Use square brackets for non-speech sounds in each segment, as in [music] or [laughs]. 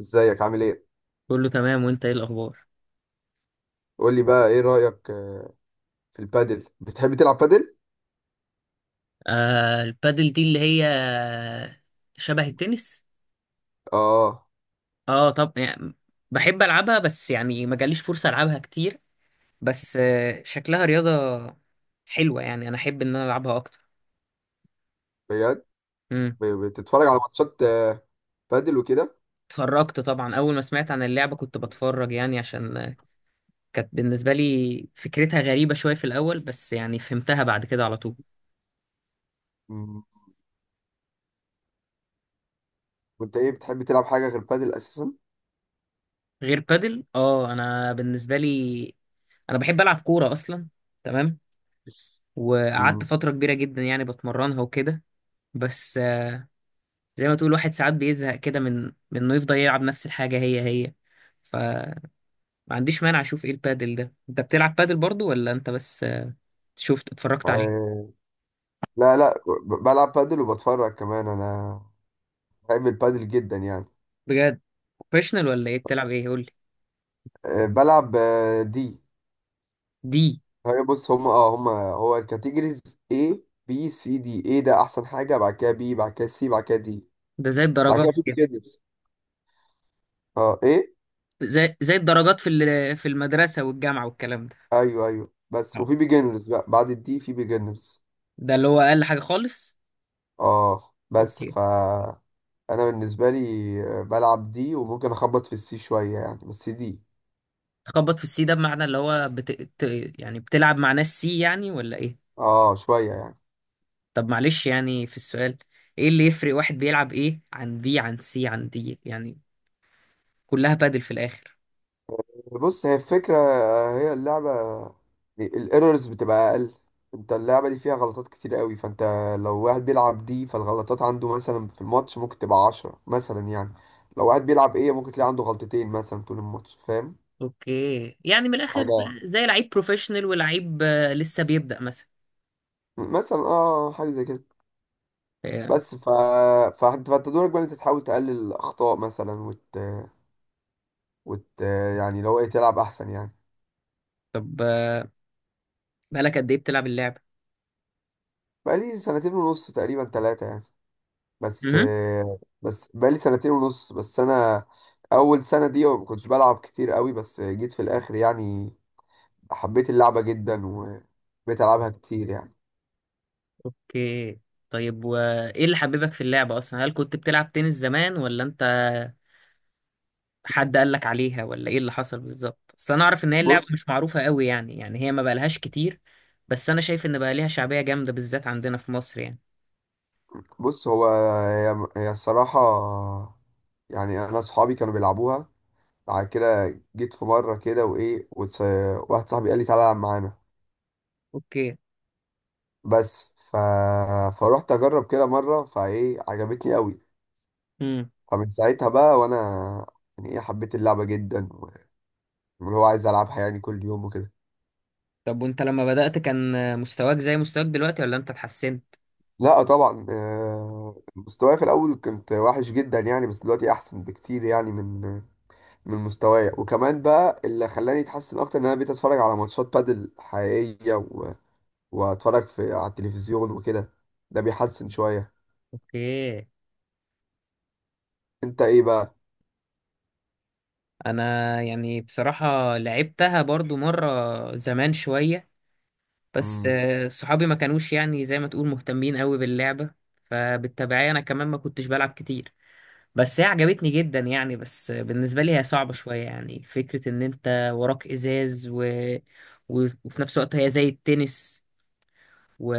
ازيك عامل ايه؟ كله تمام، وانت ايه الاخبار؟ قول لي بقى ايه رأيك، في البادل؟ بتحب تلعب بادل؟ البادل دي اللي هي شبه التنس. اه، اه، طب يعني بحب العبها، بس يعني ما جاليش فرصة العبها كتير. بس شكلها رياضة حلوة، يعني انا احب ان انا العبها اكتر. بجد؟ امم بتتفرج على ماتشات بادل وكده؟ اتفرجت طبعا، اول ما سمعت عن اللعبة كنت بتفرج، يعني عشان كانت بالنسبة لي فكرتها غريبة شوية في الاول، بس يعني فهمتها بعد كده على طول. مم. وانت ايه بتحب تلعب حاجة غير بادل اساسا؟ غير بادل، اه، انا بالنسبة لي انا بحب العب كورة اصلا. تمام. وقعدت مم. فترة كبيرة جدا يعني بتمرنها وكده. بس زي ما تقول واحد ساعات بيزهق كده من انه يفضل يلعب نفس الحاجة هي هي. فما عنديش مانع اشوف ايه البادل ده. انت بتلعب بادل برضو ولا انت بس شفت اتفرجت عليه؟ آه، لا، لا، بلعب بادل وبتفرج كمان. انا بحب البادل جدا يعني. بجد؟ بروفيشنال ولا ايه بتلعب؟ ايه قول لي. بلعب، دي دي هي. بص، هم هو الكاتيجوريز A B C D. A ده احسن حاجة، بعد كده B، بعد كده C، بعد كده D، ده زي بعد الدرجات كده في كده؟ بيجنرز، اه A. زي الدرجات في في المدرسة والجامعة والكلام ده. ايوه، ايوه، بس آه. وفي بيجنرز بقى بعد الدي في بيجنرز. ده اللي هو اقل حاجة خالص. اه، بس اوكي. انا بالنسبه لي بلعب دي، وممكن اخبط في السي شويه يعني، بس دي. تخبط في السي ده بمعنى اللي هو يعني بتلعب مع ناس سي يعني ولا ايه؟ اه، شويه يعني. طب معلش، يعني في السؤال، ايه اللي يفرق واحد بيلعب ايه عن بي عن سي عن دي يعني؟ كلها بادل في الاخر. بص، هي الفكره، هي اللعبه. الايرورز بتبقى اقل. انت اللعبه دي فيها غلطات كتير قوي. فانت لو واحد بيلعب دي فالغلطات عنده مثلا في الماتش ممكن تبقى عشرة مثلا يعني. لو واحد بيلعب ايه ممكن تلاقي عنده غلطتين مثلا طول الماتش، فاهم؟ اوكي، يعني من الاخر حاجه. زي لعيب بروفيشنال ولعيب لسه بيبدأ مثلا. مثلا، اه، حاجه زي كده. آه، بس فانت دورك بقى إن انت تحاول تقلل الاخطاء مثلا، وت... يعني لو ايه تلعب احسن يعني. طب بقالك قد ايه بتلعب اللعبة؟ بقالي سنتين ونص، تقريبا ثلاثة يعني. بس امم بس بقالي سنتين ونص، بس انا اول سنة دي ما كنتش بلعب كتير قوي، بس جيت في الاخر يعني حبيت اللعبة جدا وبقيت العبها كتير يعني. اوكي. طيب، وايه اللي حببك في اللعبة اصلا؟ هل كنت بتلعب تنس زمان، ولا انت حد قال لك عليها، ولا ايه اللي حصل بالظبط؟ اصل انا اعرف ان هي اللعبة بص مش معروفة قوي يعني، يعني هي ما بقالهاش كتير، بس انا شايف ان بقى ليها شعبية جامدة بالذات عندنا في مصر يعني. بص هو، هي الصراحة، يعني انا اصحابي كانوا بيلعبوها. بعد كده جيت في مرة كده، وإيه، واحد صاحبي قال لي تعالى العب معانا. اوكي. بس فروحت أجرب كده مرة، فإيه، عجبتني قوي. امم فمن ساعتها بقى وأنا يعني إيه، حبيت اللعبة جدا، واللي هو عايز ألعبها يعني كل يوم وكده. طب وانت لما بدأت كان مستواك زي مستواك دلوقتي ولا انت اتحسنت؟ لا، طبعا، مستواي في الأول كنت وحش جدا يعني، بس دلوقتي أحسن بكتير يعني من مستواي. وكمان بقى اللي خلاني أتحسن أكتر إن أنا بقيت أتفرج على ماتشات بادل حقيقية، وأتفرج على التلفزيون وكده. ده بيحسن شوية. اوكي. انت ايه بقى؟ انا يعني بصراحة لعبتها برضو مرة زمان شوية. بس مم. صحابي ما كانوش يعني زي ما تقول مهتمين قوي باللعبة. فبالتبعية انا كمان ما كنتش بلعب كتير. بس هي عجبتني جدا يعني، بس بالنسبة لي هي صعبة شوية يعني، فكرة ان انت وراك ازاز وفي نفس الوقت هي زي التنس، و...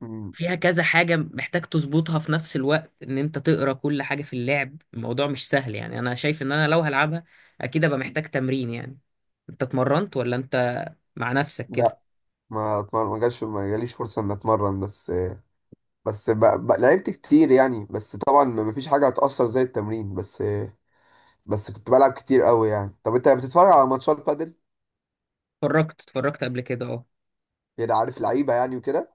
مم. فيها كذا حاجة محتاج تظبطها في نفس الوقت، ان انت تقرا كل حاجة في اللعب. الموضوع مش سهل يعني، انا شايف ان انا لو هلعبها اكيد ابقى محتاج تمرين يعني. انت اتمرنت ولا انت مع نفسك كده؟ لا، ما اتمرن، ما جاليش فرصه ان اتمرن. بس، لعبت كتير يعني، بس طبعا ما فيش حاجه هتاثر زي التمرين. بس بس كنت بلعب كتير قوي يعني. طب انت بتتفرج على ماتشات بادل؟ اتفرجت، اتفرجت قبل كده، اه. يعني عارف لعيبه يعني وكده؟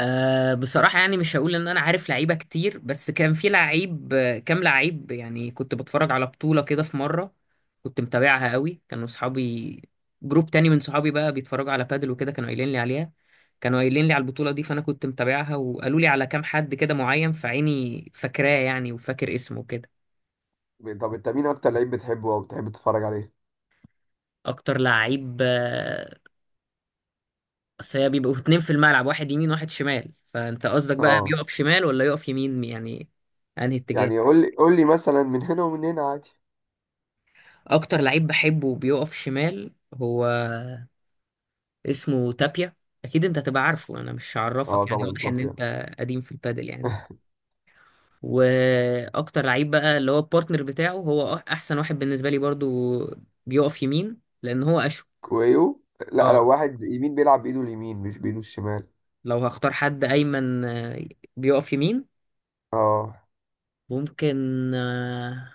أه، بصراحة يعني مش هقول إن أنا عارف لعيبة كتير، بس كان في لعيب كام لعيب يعني، كنت بتفرج على بطولة كده في مرة. كنت متابعها قوي، كانوا صحابي، جروب تاني من صحابي بقى بيتفرجوا على بادل وكده، كانوا قايلين لي عليها، كانوا قايلين لي على البطولة دي، فأنا كنت متابعها وقالوا لي على كام حد كده معين، فعيني فاكراه يعني وفاكر اسمه كده. طب انت مين اكتر لعيب بتحبه او بتحب تتفرج عليه؟ أكتر لعيب أصل هي بيبقوا اتنين في الملعب، واحد يمين واحد شمال، فأنت قصدك بقى اه، بيقف شمال ولا يقف يمين يعني؟ أنهي اتجاه؟ يعني قول لي، قول لي، مثلا من هنا ومن هنا عادي. اكتر لعيب بحبه بيقف شمال، هو اسمه تابيا. اكيد انت هتبقى عارفه، انا مش اه، هعرفك يعني، طبعا، واضح ان طب يعني. انت قديم في البادل يعني. [laughs] واكتر لعيب بقى اللي هو البارتنر بتاعه هو احسن واحد بالنسبه لي برضو. بيقف يمين لان هو اشول. كويو. لا، اه، لو واحد يمين بيلعب بايده اليمين مش بايده الشمال. لو هختار حد ايمن بيقف يمين اه، ممكن. آه،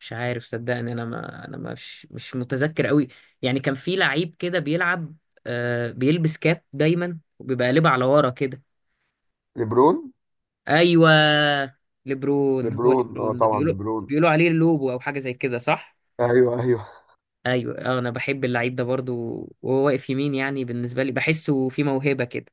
مش عارف صدقني، انا مش متذكر قوي، يعني كان في لعيب كده بيلعب بيلبس كاب دايما وبيبقى قلبه على ورا كده. ليبرون. ايوه. ليبرون. هو ليبرون، اه، ليبرون ده طبعا، بيقولوا، ليبرون. بيقولوا عليه لوبو او حاجه زي كده، صح؟ ايوه، ايوه. ايوه انا بحب اللعيب ده برضو، وهو واقف يمين يعني، بالنسبه لي بحسه في موهبه كده.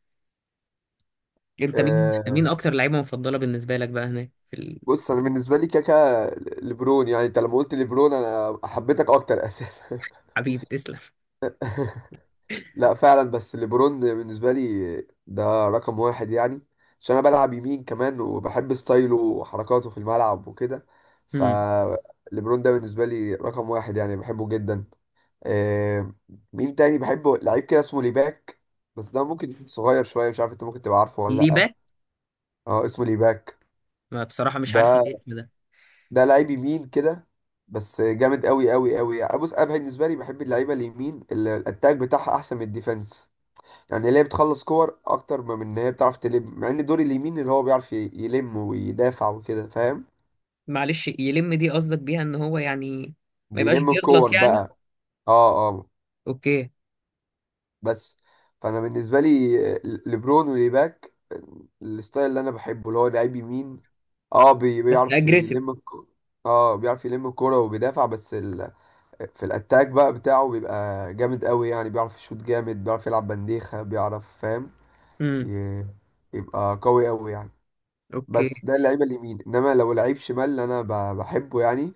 انت مين آه، اكتر لعيبه مفضله بالنسبه لك بقى هناك في... بص، انا بالنسبه لي كاكا ليبرون، يعني انت لما قلت ليبرون انا حبيتك اكتر اساسا. الحبيب تسلم. [laughs] لا، فعلا، بس ليبرون بالنسبه لي ده رقم واحد يعني. عشان انا بلعب يمين كمان وبحب ستايله وحركاته في الملعب وكده. امم فليبرون ده بالنسبه لي رقم واحد يعني، بحبه جدا. آه مين تاني بحبه؟ لعيب كده اسمه ليباك، بس ده ممكن يكون صغير شويه، مش عارف انت ممكن تبقى عارفه ولا ليه لا. باك؟ اه، اسمه ليباك. ما بصراحه مش عارف ده الاسم ده. ده لعيب يمين كده، بس جامد قوي قوي قوي يعني. بص انا بالنسبه لي بحب اللعيبه اليمين اللي الاتاك بتاعها احسن من الديفenس، يعني اللي هي بتخلص كور اكتر ما من ان هي بتعرف تلم، مع ان دور اليمين اللي هو بيعرف يلم ويدافع وكده، فاهم؟ معلش، يلم دي قصدك بيها ان هو يعني ما يبقاش بيلم الكور بيغلط يعني؟ بقى. اه، اه. اوكي. بس، فانا بالنسبه لي، لبرون وليباك، الستايل اللي انا بحبه اللي هو لعيب يمين، اه بس بيعرف اجريسيف؟ يلم الكورة. اه، بيعرف يلم الكورة وبيدافع. بس في الاتاك بقى بتاعه بيبقى جامد قوي يعني، بيعرف يشوط جامد، بيعرف يلعب بنديخة، بيعرف، فاهم؟ امم ي- يبقى قوي قوي يعني. اوكي. بس ده اللعيبة اليمين، انما لو لعيب شمال اللي انا بحبه يعني،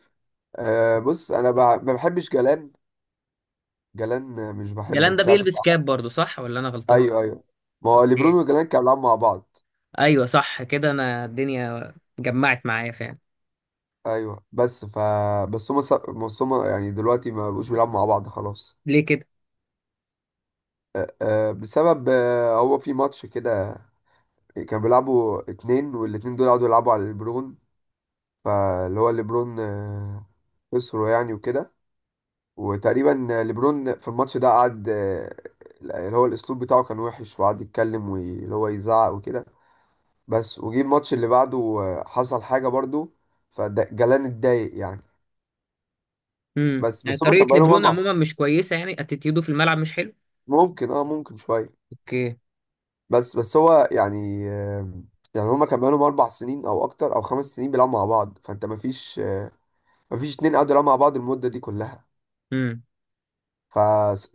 أه بص، انا ما بحبش جلان. جلان، مش جلان بحبه، ده مش عارف انت بيلبس عارف. كاب برضو صح ولا انا غلطان؟ ايوه، ايوه، ما هو ليبرون اوكي. وجلان كانوا بيلعبوا مع بعض. ايوه صح كده، انا الدنيا جمعت معايا فعلا. ايوه، بس بس هما يعني دلوقتي ما بقوش بيلعبوا مع بعض خلاص. ليه كده؟ أه آه، بسبب، هو في ماتش كده كانوا بيلعبوا اتنين، والاتنين دول قعدوا يلعبوا على ليبرون، فاللي هو ليبرون خسره يعني وكده. وتقريبا ليبرون في الماتش ده قعد، اللي هو الاسلوب بتاعه كان وحش، وقعد يتكلم واللي هو يزعق وكده. بس وجي الماتش اللي بعده حصل حاجة برضو، فجلان اتضايق يعني. بس يعني بس هما كان طريقه بقالهم لبرون اربع عموما مش كويسه يعني، اتيتيودو في الملعب مش حلو. ممكن شوية. اوكي. بس هو يعني، يعني هما كان بقالهم اربع سنين او اكتر او خمس سنين بيلعبوا مع بعض، فانت مفيش اتنين قعدوا يلعبوا مع بعض المدة دي كلها. امم ف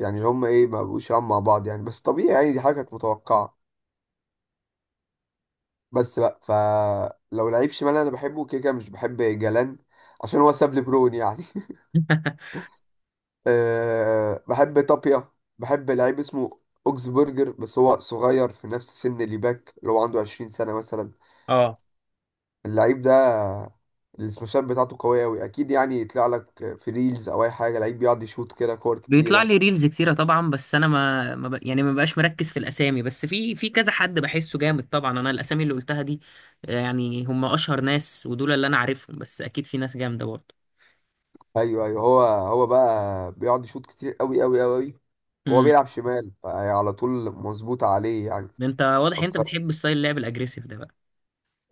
يعني اللي هم ايه ما بقوش يلعبوا مع بعض يعني، بس طبيعي يعني، دي حاجة كانت متوقعة. بس بقى، لو لعيب شمال انا بحبه، كده كده مش بحب جلان عشان هو ساب لي برون يعني. [laughs] [laughs] أه، بحب طابيا، بحب لعيب اسمه اوكسبرجر، بس هو صغير في نفس سن اللي باك، اللي هو عنده 20 سنة مثلا. اه اللعيب ده السماشات بتاعته قوية أوي أكيد يعني، يطلع لك في ريلز أو أي حاجة لعيب بيقعد يشوط كده كور بيطلع كتيرة. لي ريلز كتيره طبعا، بس انا ما, ما ب... يعني ما بقاش مركز في الاسامي، بس في كذا حد بحسه جامد طبعا. انا الاسامي اللي قلتها دي يعني هم اشهر ناس ودول اللي انا عارفهم، بس اكيد في ناس جامده برضه. ايوه، ايوه، هو بقى بيقعد يشوط كتير قوي قوي قوي، وهو امم بيلعب شمال، فعلى طول مظبوط عليه يعني. انت واضح انت فالصراحة بتحب ستايل اللعب الاجريسيف ده بقى.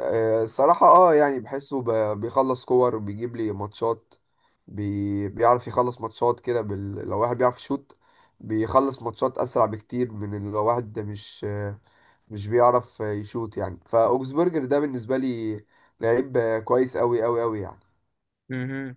آه، الصراحة اه يعني بحسه بيخلص كور، بيجيب لي ماتشات. بيعرف يخلص ماتشات كده لو واحد بيعرف يشوط بيخلص ماتشات أسرع بكتير من لو واحد ده مش بيعرف يشوط يعني. فأوكسبرجر ده بالنسبة لي لعيب كويس قوي قوي قوي يعني. مهم.